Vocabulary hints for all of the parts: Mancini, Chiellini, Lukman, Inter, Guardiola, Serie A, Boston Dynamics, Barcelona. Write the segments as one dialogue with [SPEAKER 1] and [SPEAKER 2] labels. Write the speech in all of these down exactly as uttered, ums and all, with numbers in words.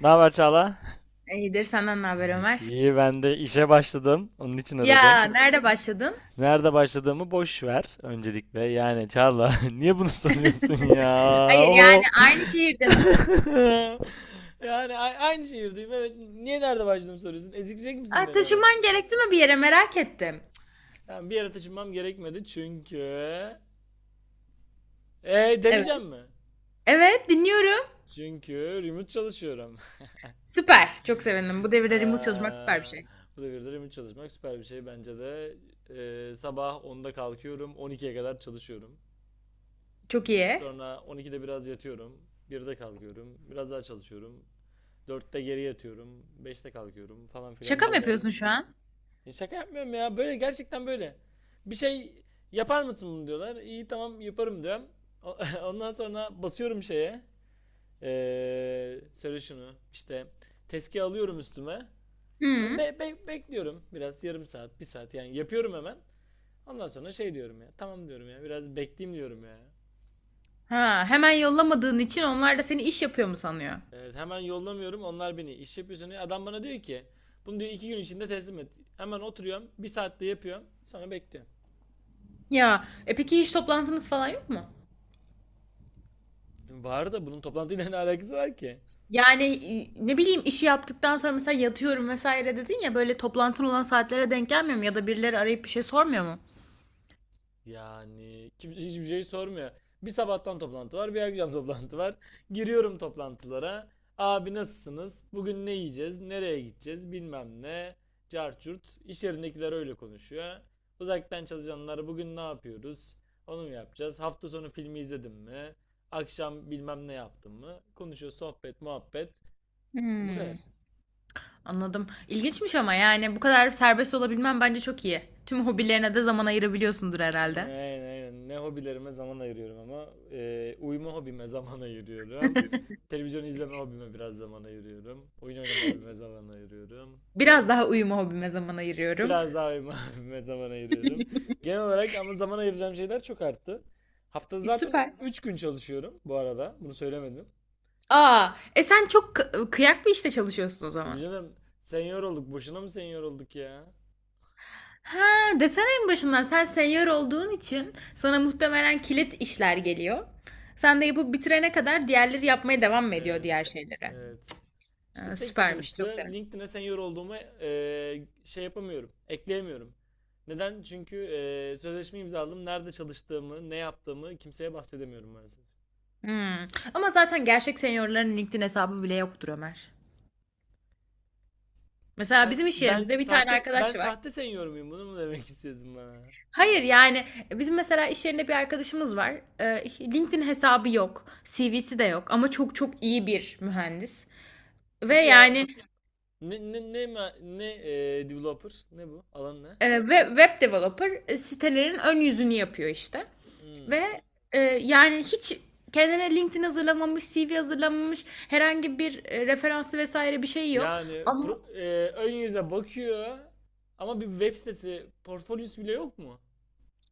[SPEAKER 1] Ne haber Çağla?
[SPEAKER 2] İyidir. Senden ne haber Ömer?
[SPEAKER 1] İyi ben de işe başladım. Onun için aradım.
[SPEAKER 2] Ya nerede başladın?
[SPEAKER 1] Nerede başladığımı boş ver öncelikle. Yani Çağla niye bunu soruyorsun ya?
[SPEAKER 2] Hayır,
[SPEAKER 1] O
[SPEAKER 2] yani aynı şehirde misin?
[SPEAKER 1] Yani a- aynı şehirdeyim, evet. Niye nerede başladığımı soruyorsun? Ezikleyecek misin
[SPEAKER 2] Aa,
[SPEAKER 1] beni hemen?
[SPEAKER 2] taşınman gerekti mi, bir yere merak ettim.
[SPEAKER 1] Yani bir yere taşınmam gerekmedi çünkü... E
[SPEAKER 2] Evet.
[SPEAKER 1] demeyeceğim mi?
[SPEAKER 2] Evet, dinliyorum.
[SPEAKER 1] Çünkü remote çalışıyorum.
[SPEAKER 2] Süper. Çok sevindim. Bu devirde remote çalışmak
[SPEAKER 1] Eee,
[SPEAKER 2] süper bir şey.
[SPEAKER 1] bu devirde remote çalışmak süper bir şey bence de. Eee, sabah onda kalkıyorum, on ikiye kadar çalışıyorum.
[SPEAKER 2] Çok iyi.
[SPEAKER 1] Sonra on ikide biraz yatıyorum. birde kalkıyorum. Biraz daha çalışıyorum. dörtte geri yatıyorum. beşte kalkıyorum falan filan
[SPEAKER 2] Şaka mı
[SPEAKER 1] böyle.
[SPEAKER 2] yapıyorsun şu an?
[SPEAKER 1] E şaka yapmıyorum ya. Böyle gerçekten böyle. Bir şey yapar mısın bunu diyorlar. İyi, tamam yaparım diyorum. Ondan sonra basıyorum şeye. Ee, söyle şunu. İşte tezki alıyorum üstüme. Hani
[SPEAKER 2] Hı.
[SPEAKER 1] Be- be- bekliyorum biraz, yarım saat, bir saat, yani yapıyorum hemen. Ondan sonra şey diyorum ya. Tamam diyorum ya. Biraz bekleyeyim diyorum ya.
[SPEAKER 2] Ha, hemen yollamadığın için onlar da seni iş yapıyor mu sanıyor?
[SPEAKER 1] Evet, hemen yollamıyorum, onlar beni iş yapıyorsun. Adam bana diyor ki bunu diyor iki gün içinde teslim et. Hemen oturuyorum, bir saatte yapıyorum, sonra bekliyorum.
[SPEAKER 2] Ya e peki hiç toplantınız falan yok mu?
[SPEAKER 1] Var da bunun toplantıyla ne alakası var ki?
[SPEAKER 2] Yani e, ne bileyim, işi yaptıktan sonra mesela yatıyorum vesaire dedin ya, böyle toplantın olan saatlere denk gelmiyor mu? Ya da birileri arayıp bir şey sormuyor mu?
[SPEAKER 1] Yani kimse hiçbir şey sormuyor. Bir sabahtan toplantı var, bir akşam toplantı var. Giriyorum toplantılara. Abi nasılsınız? Bugün ne yiyeceğiz? Nereye gideceğiz? Bilmem ne. Carçurt. İş yerindekiler öyle konuşuyor. Uzaktan çalışanlar bugün ne yapıyoruz? Onu mu yapacağız? Hafta sonu filmi izledim mi? Akşam bilmem ne yaptım mı? Konuşuyor, sohbet, muhabbet. Bu
[SPEAKER 2] Hmm,
[SPEAKER 1] kadar.
[SPEAKER 2] anladım. İlginçmiş ama yani bu kadar serbest olabilmen bence çok iyi. Tüm
[SPEAKER 1] Ee,
[SPEAKER 2] hobilerine de zaman ayırabiliyorsundur
[SPEAKER 1] Ee,
[SPEAKER 2] herhalde.
[SPEAKER 1] Aynen aynen. Ne hobilerime zaman ayırıyorum ama. Ee, uyuma hobime zaman ayırıyorum. Televizyon izleme hobime biraz zaman ayırıyorum. Oyun oynama hobime zaman ayırıyorum.
[SPEAKER 2] Biraz daha uyuma hobime zaman ayırıyorum.
[SPEAKER 1] Biraz daha uyuma hobime zaman ayırıyorum. Genel olarak ama zaman ayıracağım şeyler çok arttı. Haftada
[SPEAKER 2] E,
[SPEAKER 1] zaten
[SPEAKER 2] süper.
[SPEAKER 1] üç gün çalışıyorum bu arada. Bunu söylemedim.
[SPEAKER 2] Aa, e sen çok kı- kıyak bir işte çalışıyorsun o
[SPEAKER 1] Tabii
[SPEAKER 2] zaman.
[SPEAKER 1] canım, senior olduk. Boşuna mı senior olduk ya?
[SPEAKER 2] Ha, desene en başından sen seyyar olduğun için sana muhtemelen kilit işler geliyor. Sen de yapıp bitirene kadar diğerleri yapmaya devam mı ediyor diğer
[SPEAKER 1] Evet.
[SPEAKER 2] şeylere?
[SPEAKER 1] Evet. İşte
[SPEAKER 2] Ha,
[SPEAKER 1] tek
[SPEAKER 2] süpermiş, çok
[SPEAKER 1] sıkıntısı
[SPEAKER 2] sevindim.
[SPEAKER 1] LinkedIn'e senior olduğumu e, şey yapamıyorum. Ekleyemiyorum. Neden? Çünkü e, sözleşme imzaladım. Nerede çalıştığımı, ne yaptığımı kimseye bahsedemiyorum maalesef.
[SPEAKER 2] Hmm. Ama zaten gerçek senyörlerin LinkedIn hesabı bile yoktur Ömer. Mesela
[SPEAKER 1] Ben
[SPEAKER 2] bizim iş
[SPEAKER 1] ben
[SPEAKER 2] yerimizde bir tane
[SPEAKER 1] sahte ben
[SPEAKER 2] arkadaş var.
[SPEAKER 1] sahte senior muyum? Bunu mu demek istiyorsun bana?
[SPEAKER 2] Hayır, yani e, bizim mesela iş yerinde bir arkadaşımız var. Ee, LinkedIn hesabı yok. C V'si de yok ama çok çok iyi bir mühendis. Ve
[SPEAKER 1] Nasıl ya?
[SPEAKER 2] yani
[SPEAKER 1] Ne ne ne ma- ne e, developer? Ne bu? Alan ne?
[SPEAKER 2] e, web, web developer, e, sitelerin ön yüzünü yapıyor işte.
[SPEAKER 1] Hmm.
[SPEAKER 2] Ve e, yani hiç kendine LinkedIn hazırlamamış, C V hazırlamamış, herhangi bir e, referansı vesaire bir şey yok.
[SPEAKER 1] Yani
[SPEAKER 2] Ama
[SPEAKER 1] fro- e, ön yüze bakıyor ama bir web sitesi portfolyosu bile yok mu?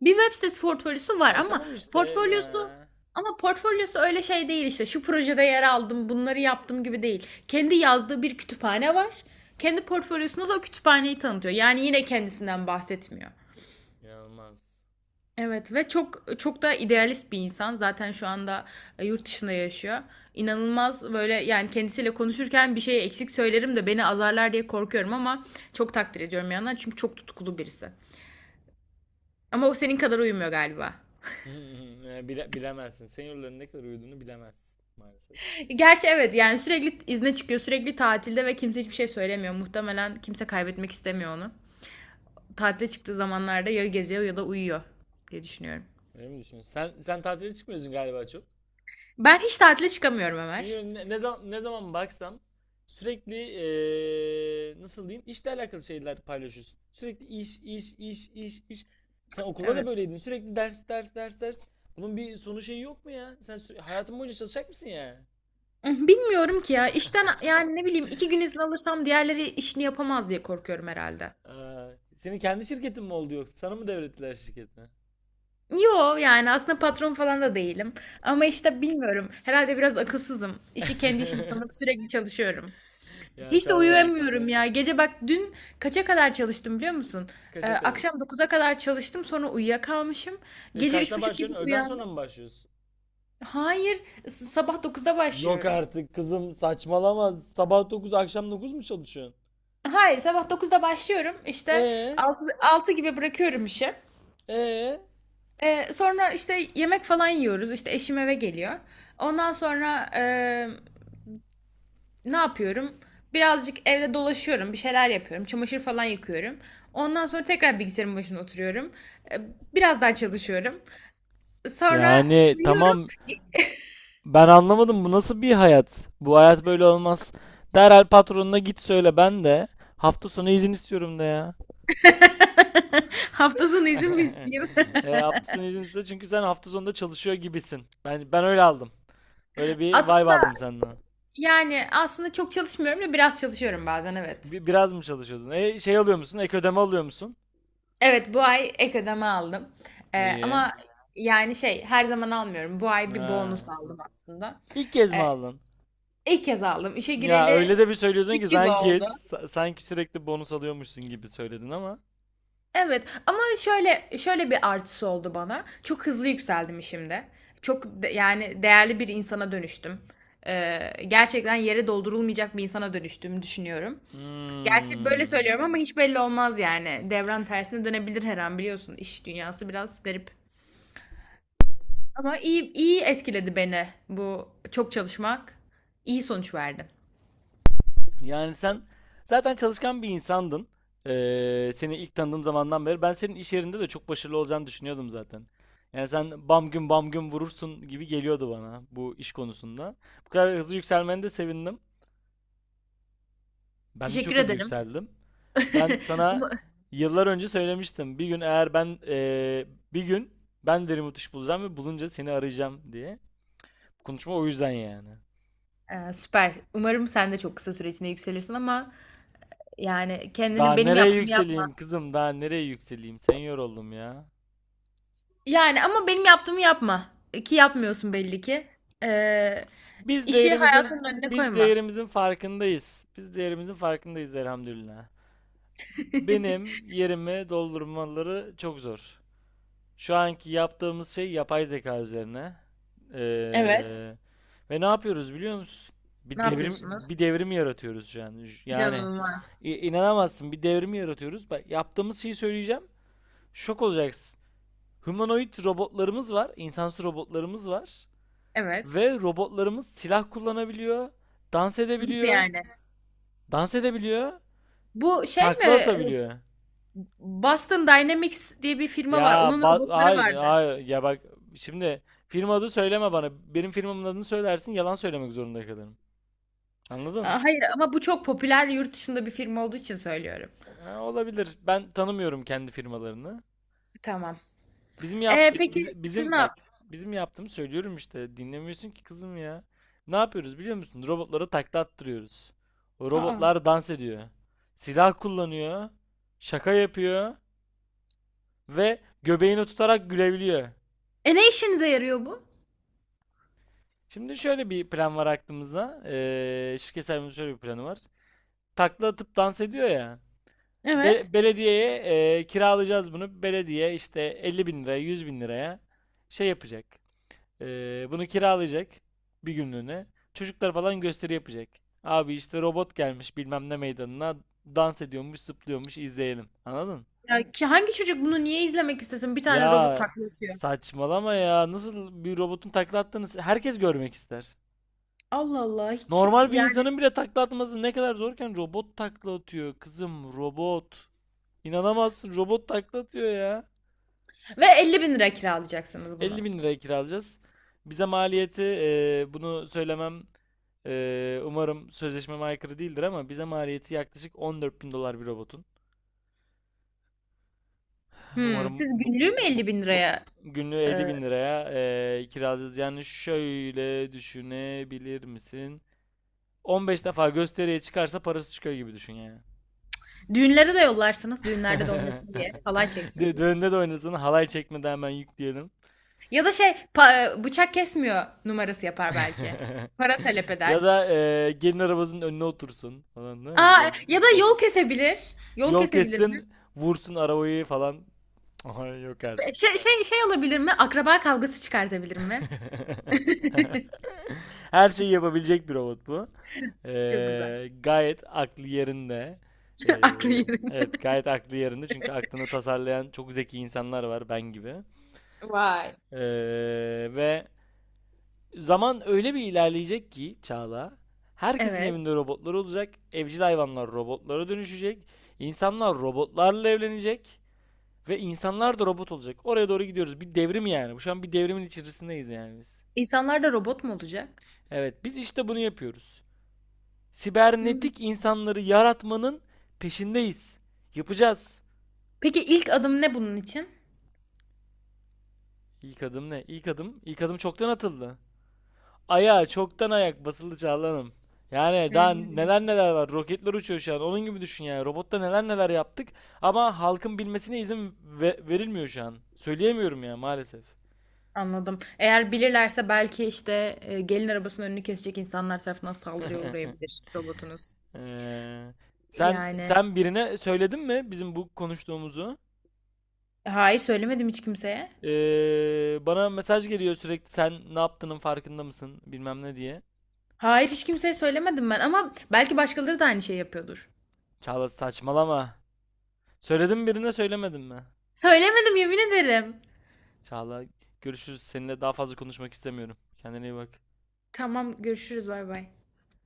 [SPEAKER 2] bir web sitesi portfolyosu var
[SPEAKER 1] E,
[SPEAKER 2] ama
[SPEAKER 1] tamam işte
[SPEAKER 2] portfolyosu
[SPEAKER 1] ya.
[SPEAKER 2] ama portfolyosu öyle şey değil işte. Şu projede yer aldım, bunları yaptım gibi değil. Kendi yazdığı bir kütüphane var. Kendi portfolyosunda da o kütüphaneyi tanıtıyor. Yani yine kendisinden bahsetmiyor.
[SPEAKER 1] İnanılmaz.
[SPEAKER 2] Evet, ve çok çok da idealist bir insan. Zaten şu anda e, yurt dışında yaşıyor. İnanılmaz, böyle yani kendisiyle konuşurken bir şey eksik söylerim de beni azarlar diye korkuyorum ama çok takdir ediyorum yandan, çünkü çok tutkulu birisi. Ama o senin kadar uyumuyor galiba.
[SPEAKER 1] E, bile- bilemezsin. Seniorların ne kadar uyuduğunu bilemezsin maalesef.
[SPEAKER 2] Gerçi evet, yani sürekli izne çıkıyor, sürekli tatilde ve kimse hiçbir şey söylemiyor. Muhtemelen kimse kaybetmek istemiyor onu. Tatile çıktığı zamanlarda ya geziyor ya da uyuyor diye düşünüyorum.
[SPEAKER 1] Öyle mi düşünüyorsun? Sen sen tatile çıkmıyorsun galiba çok.
[SPEAKER 2] Ben hiç tatile çıkamıyorum Ömer.
[SPEAKER 1] Çünkü ne, ne zaman ne zaman baksam sürekli, e, nasıl diyeyim, işle alakalı şeyler paylaşıyorsun. Sürekli iş iş iş iş iş. Sen okulda da
[SPEAKER 2] Evet.
[SPEAKER 1] böyleydin. Sürekli ders ders ders ders. Bunun bir sonu şeyi yok mu ya? Sen süre- hayatın boyunca çalışacak mısın ya?
[SPEAKER 2] Bilmiyorum ki ya, işten yani ne bileyim iki gün izin alırsam diğerleri işini yapamaz diye korkuyorum herhalde.
[SPEAKER 1] Aa, senin kendi şirketin mi oldu yoksa? Sana mı devrettiler şirketini?
[SPEAKER 2] Yo, yani aslında patron falan da değilim. Ama işte bilmiyorum. Herhalde biraz akılsızım. İşi kendi işim sanıp sürekli çalışıyorum.
[SPEAKER 1] Ya
[SPEAKER 2] Hiç de. Ee,
[SPEAKER 1] Çağla,
[SPEAKER 2] uyuyamıyorum ya. Gece bak, dün kaça kadar çalıştım biliyor musun? Ee,
[SPEAKER 1] kaça kadar?
[SPEAKER 2] akşam dokuza kadar çalıştım, sonra uyuyakalmışım.
[SPEAKER 1] E,
[SPEAKER 2] Gece üç
[SPEAKER 1] kaçta
[SPEAKER 2] buçuk gibi
[SPEAKER 1] başlıyorsun? Öğleden
[SPEAKER 2] uyandım.
[SPEAKER 1] sonra mı başlıyorsun?
[SPEAKER 2] Hayır, s- sabah dokuzda
[SPEAKER 1] Yok
[SPEAKER 2] başlıyorum.
[SPEAKER 1] artık kızım, saçmalama. Sabah dokuz akşam dokuz mu çalışıyorsun?
[SPEAKER 2] Hayır, sabah dokuzda başlıyorum işte,
[SPEAKER 1] E
[SPEAKER 2] altı altı gibi bırakıyorum işi.
[SPEAKER 1] e
[SPEAKER 2] Ee, sonra işte yemek falan yiyoruz, işte eşim eve geliyor. Ondan sonra e, ne yapıyorum? Birazcık evde dolaşıyorum, bir şeyler yapıyorum, çamaşır falan yıkıyorum. Ondan sonra tekrar bilgisayarın başına oturuyorum. E, Biraz daha çalışıyorum. Sonra
[SPEAKER 1] Yani
[SPEAKER 2] uyuyorum.
[SPEAKER 1] tamam, ben anlamadım, bu nasıl bir hayat? Bu hayat böyle olmaz. Derhal patronuna git söyle, ben de hafta sonu izin istiyorum da ya.
[SPEAKER 2] Hafta sonu izin mi isteyeyim?
[SPEAKER 1] E, hafta sonu izin iste, çünkü sen hafta sonunda çalışıyor gibisin. Ben, ben öyle aldım. Öyle bir vibe
[SPEAKER 2] Aslında
[SPEAKER 1] aldım senden.
[SPEAKER 2] yani aslında çok çalışmıyorum da, biraz çalışıyorum bazen, evet.
[SPEAKER 1] Bir, biraz mı çalışıyordun? E, şey alıyor musun? Ek ödeme alıyor musun?
[SPEAKER 2] Evet, bu ay ek ödeme aldım. Ee,
[SPEAKER 1] İyi.
[SPEAKER 2] ama yani şey, her zaman almıyorum. Bu ay bir
[SPEAKER 1] Ha.
[SPEAKER 2] bonus aldım aslında.
[SPEAKER 1] İlk kez mi
[SPEAKER 2] Ee,
[SPEAKER 1] aldın?
[SPEAKER 2] ilk kez aldım. İşe
[SPEAKER 1] Ya
[SPEAKER 2] gireli
[SPEAKER 1] öyle de bir söylüyorsun ki,
[SPEAKER 2] üç yıl
[SPEAKER 1] sanki
[SPEAKER 2] oldu.
[SPEAKER 1] sa- sanki sürekli bonus alıyormuşsun gibi söyledin ama.
[SPEAKER 2] Evet ama şöyle, şöyle bir artısı oldu bana. Çok hızlı yükseldim işimde. Çok de- yani değerli bir insana dönüştüm. Ee, Gerçekten yere doldurulmayacak bir insana dönüştüğümü düşünüyorum. Gerçi böyle
[SPEAKER 1] Hmm.
[SPEAKER 2] söylüyorum ama hiç belli olmaz yani. Devran tersine dönebilir her an, biliyorsun. İş dünyası biraz garip. Ama iyi, iyi etkiledi beni bu çok çalışmak. İyi sonuç verdi.
[SPEAKER 1] Yani sen zaten çalışkan bir insandın. Ee, seni ilk tanıdığım zamandan beri ben senin iş yerinde de çok başarılı olacağını düşünüyordum zaten. Yani sen bam gün bam gün vurursun gibi geliyordu bana bu iş konusunda. Bu kadar hızlı yükselmene de sevindim. Ben de
[SPEAKER 2] Teşekkür
[SPEAKER 1] çok hızlı
[SPEAKER 2] ederim.
[SPEAKER 1] yükseldim. Ben sana
[SPEAKER 2] Umu-
[SPEAKER 1] yıllar önce söylemiştim. Bir gün eğer ben eee, bir gün ben de remote iş bulacağım ve bulunca seni arayacağım diye. Konuşma o yüzden yani.
[SPEAKER 2] Ee, süper. Umarım sen de çok kısa süre içinde yükselirsin ama yani
[SPEAKER 1] Daha
[SPEAKER 2] kendini, benim
[SPEAKER 1] nereye
[SPEAKER 2] yaptığımı yapma.
[SPEAKER 1] yükseleyim kızım? Daha nereye yükseleyim? Senior oldum ya.
[SPEAKER 2] Yani ama benim yaptığımı yapma. Ki yapmıyorsun, belli ki. Ee,
[SPEAKER 1] Biz
[SPEAKER 2] işi
[SPEAKER 1] değerimizin
[SPEAKER 2] hayatının önüne
[SPEAKER 1] biz
[SPEAKER 2] koyma.
[SPEAKER 1] değerimizin farkındayız. Biz değerimizin farkındayız elhamdülillah. Benim yerimi doldurmaları çok zor. Şu anki yaptığımız şey yapay zeka üzerine. Ee,
[SPEAKER 2] Evet.
[SPEAKER 1] ve ne yapıyoruz biliyor musun? Bir
[SPEAKER 2] Ne
[SPEAKER 1] devrim bir
[SPEAKER 2] yapıyorsunuz?
[SPEAKER 1] devrim yaratıyoruz şu an. Yani
[SPEAKER 2] İnanılmaz.
[SPEAKER 1] inanamazsın, bir devrim yaratıyoruz. Bak yaptığımız şeyi söyleyeceğim. Şok olacaksın. Humanoid robotlarımız var, insansı robotlarımız var
[SPEAKER 2] Evet.
[SPEAKER 1] ve robotlarımız silah kullanabiliyor, dans
[SPEAKER 2] Nasıl
[SPEAKER 1] edebiliyor,
[SPEAKER 2] yani?
[SPEAKER 1] dans edebiliyor,
[SPEAKER 2] Bu şey mi?
[SPEAKER 1] takla
[SPEAKER 2] e,
[SPEAKER 1] atabiliyor.
[SPEAKER 2] Boston Dynamics diye bir firma var.
[SPEAKER 1] Ya
[SPEAKER 2] Onun
[SPEAKER 1] ba-
[SPEAKER 2] robotları
[SPEAKER 1] hayır
[SPEAKER 2] vardı.
[SPEAKER 1] hayır, ya bak şimdi, film adı söyleme bana. Benim filmimin adını söylersin, yalan söylemek zorunda kalırım. Anladın?
[SPEAKER 2] Aa, hayır ama bu çok popüler yurt dışında bir firma olduğu için söylüyorum.
[SPEAKER 1] Ha, olabilir. Ben tanımıyorum kendi firmalarını.
[SPEAKER 2] Tamam.
[SPEAKER 1] Bizim
[SPEAKER 2] Ee,
[SPEAKER 1] yaptı
[SPEAKER 2] peki
[SPEAKER 1] biz-
[SPEAKER 2] siz
[SPEAKER 1] bizim
[SPEAKER 2] ne
[SPEAKER 1] bak
[SPEAKER 2] yap?
[SPEAKER 1] bizim yaptığımı söylüyorum işte. Dinlemiyorsun ki kızım ya. Ne yapıyoruz biliyor musun? Robotlara takla attırıyoruz. O
[SPEAKER 2] Aa.
[SPEAKER 1] robotlar dans ediyor. Silah kullanıyor. Şaka yapıyor ve göbeğini tutarak gülebiliyor.
[SPEAKER 2] E, ne işinize yarıyor bu?
[SPEAKER 1] Şimdi şöyle bir plan var aklımızda. Ee, şirket sahibimizin şöyle bir planı var. takla atıp dans ediyor ya.
[SPEAKER 2] Evet.
[SPEAKER 1] Be- belediyeye e, kiralayacağız bunu. Belediye işte elli bin liraya yüz bin liraya şey yapacak. E, bunu kiralayacak bir günlüğüne. Çocuklar falan gösteri yapacak. Abi işte robot gelmiş bilmem ne meydanına dans ediyormuş, zıplıyormuş, izleyelim. Anladın?
[SPEAKER 2] Ya ki hangi çocuk bunu niye izlemek istesin? Bir tane robot
[SPEAKER 1] Ya
[SPEAKER 2] taklit atıyor.
[SPEAKER 1] saçmalama ya. Nasıl, bir robotun takla attığını herkes görmek ister.
[SPEAKER 2] Allah Allah, hiç
[SPEAKER 1] Normal bir
[SPEAKER 2] yani.
[SPEAKER 1] insanın bile takla atması ne kadar zorken robot takla atıyor. Kızım, robot. İnanamazsın, robot takla atıyor ya.
[SPEAKER 2] Ve elli bin liraya kiralayacaksınız bunu.
[SPEAKER 1] elli bin liraya kiralayacağız. Bize maliyeti, e, bunu söylemem, e, umarım sözleşmeme aykırı değildir, ama bize maliyeti yaklaşık on dört bin dolar bir robotun.
[SPEAKER 2] Hmm,
[SPEAKER 1] Umarım
[SPEAKER 2] siz
[SPEAKER 1] bu,
[SPEAKER 2] günlüğü mü
[SPEAKER 1] bu-
[SPEAKER 2] elli bin liraya,
[SPEAKER 1] günlüğü
[SPEAKER 2] e,
[SPEAKER 1] elli bin liraya e, kiralayacağız. Yani şöyle düşünebilir misin? on beş defa gösteriye çıkarsa parası çıkıyor gibi düşün yani.
[SPEAKER 2] düğünlere de yollarsınız, düğünlerde de oynasın diye, halay çeksin
[SPEAKER 1] Dö-
[SPEAKER 2] diye.
[SPEAKER 1] Düğünde de oynasın, halay çekmeden hemen yükleyelim.
[SPEAKER 2] Ya da şey, pa- e, bıçak kesmiyor numarası yapar belki. Para talep eder.
[SPEAKER 1] Ya da eee, gelin arabasının önüne otursun falan, ne
[SPEAKER 2] Aa,
[SPEAKER 1] gider.
[SPEAKER 2] ya da yol kesebilir. Yol
[SPEAKER 1] Yol
[SPEAKER 2] kesebilir mi?
[SPEAKER 1] kessin, vursun arabayı falan. Ay yok artık.
[SPEAKER 2] Şey, şey, şey olabilir mi? Akraba kavgası çıkartabilir mi?
[SPEAKER 1] Her şeyi yapabilecek bir robot bu.
[SPEAKER 2] Çok güzel.
[SPEAKER 1] Eee, gayet aklı yerinde.
[SPEAKER 2] Aklı
[SPEAKER 1] Eee,
[SPEAKER 2] yerim.
[SPEAKER 1] evet gayet aklı yerinde, çünkü aklını tasarlayan çok zeki insanlar var ben gibi.
[SPEAKER 2] Vay.
[SPEAKER 1] Eee, ve Zaman öyle bir ilerleyecek ki Çağla, herkesin
[SPEAKER 2] Evet.
[SPEAKER 1] evinde robotlar olacak, evcil hayvanlar robotlara dönüşecek, insanlar robotlarla evlenecek ve insanlar da robot olacak. Oraya doğru gidiyoruz. Bir devrim yani. Bu şu an, bir devrimin içerisindeyiz yani biz.
[SPEAKER 2] İnsanlar da robot mu olacak?
[SPEAKER 1] Evet, biz işte bunu yapıyoruz.
[SPEAKER 2] Hmm.
[SPEAKER 1] Sibernetik insanları yaratmanın peşindeyiz. Yapacağız.
[SPEAKER 2] Peki ilk adım ne bunun için?
[SPEAKER 1] İlk adım ne? İlk adım, ilk adım çoktan atıldı. Ayağa çoktan ayak basıldı Çağlan'ım. Yani daha neler neler var. Roketler uçuyor şu an. Onun gibi düşün yani. Robotta neler neler yaptık ama halkın bilmesine izin ve- verilmiyor şu an. Söyleyemiyorum ya maalesef.
[SPEAKER 2] Anladım. Eğer bilirlerse belki, işte, eee, gelin arabasının önünü kesecek insanlar tarafından saldırıya uğrayabilir robotunuz.
[SPEAKER 1] Ee, sen
[SPEAKER 2] Yani,
[SPEAKER 1] sen birine söyledin mi bizim bu konuştuğumuzu?
[SPEAKER 2] hayır, söylemedim hiç kimseye.
[SPEAKER 1] Ee, bana mesaj geliyor sürekli, sen ne yaptığının farkında mısın bilmem ne diye.
[SPEAKER 2] Hayır, hiç kimseye söylemedim ben ama belki başkaları da aynı şeyi yapıyordur.
[SPEAKER 1] Çağla saçmalama. Söyledim, birine söylemedin mi?
[SPEAKER 2] Söylemedim, yemin ederim.
[SPEAKER 1] Çağla görüşürüz. Seninle daha fazla konuşmak istemiyorum. Kendine iyi bak.
[SPEAKER 2] Tamam, görüşürüz. Bay bay.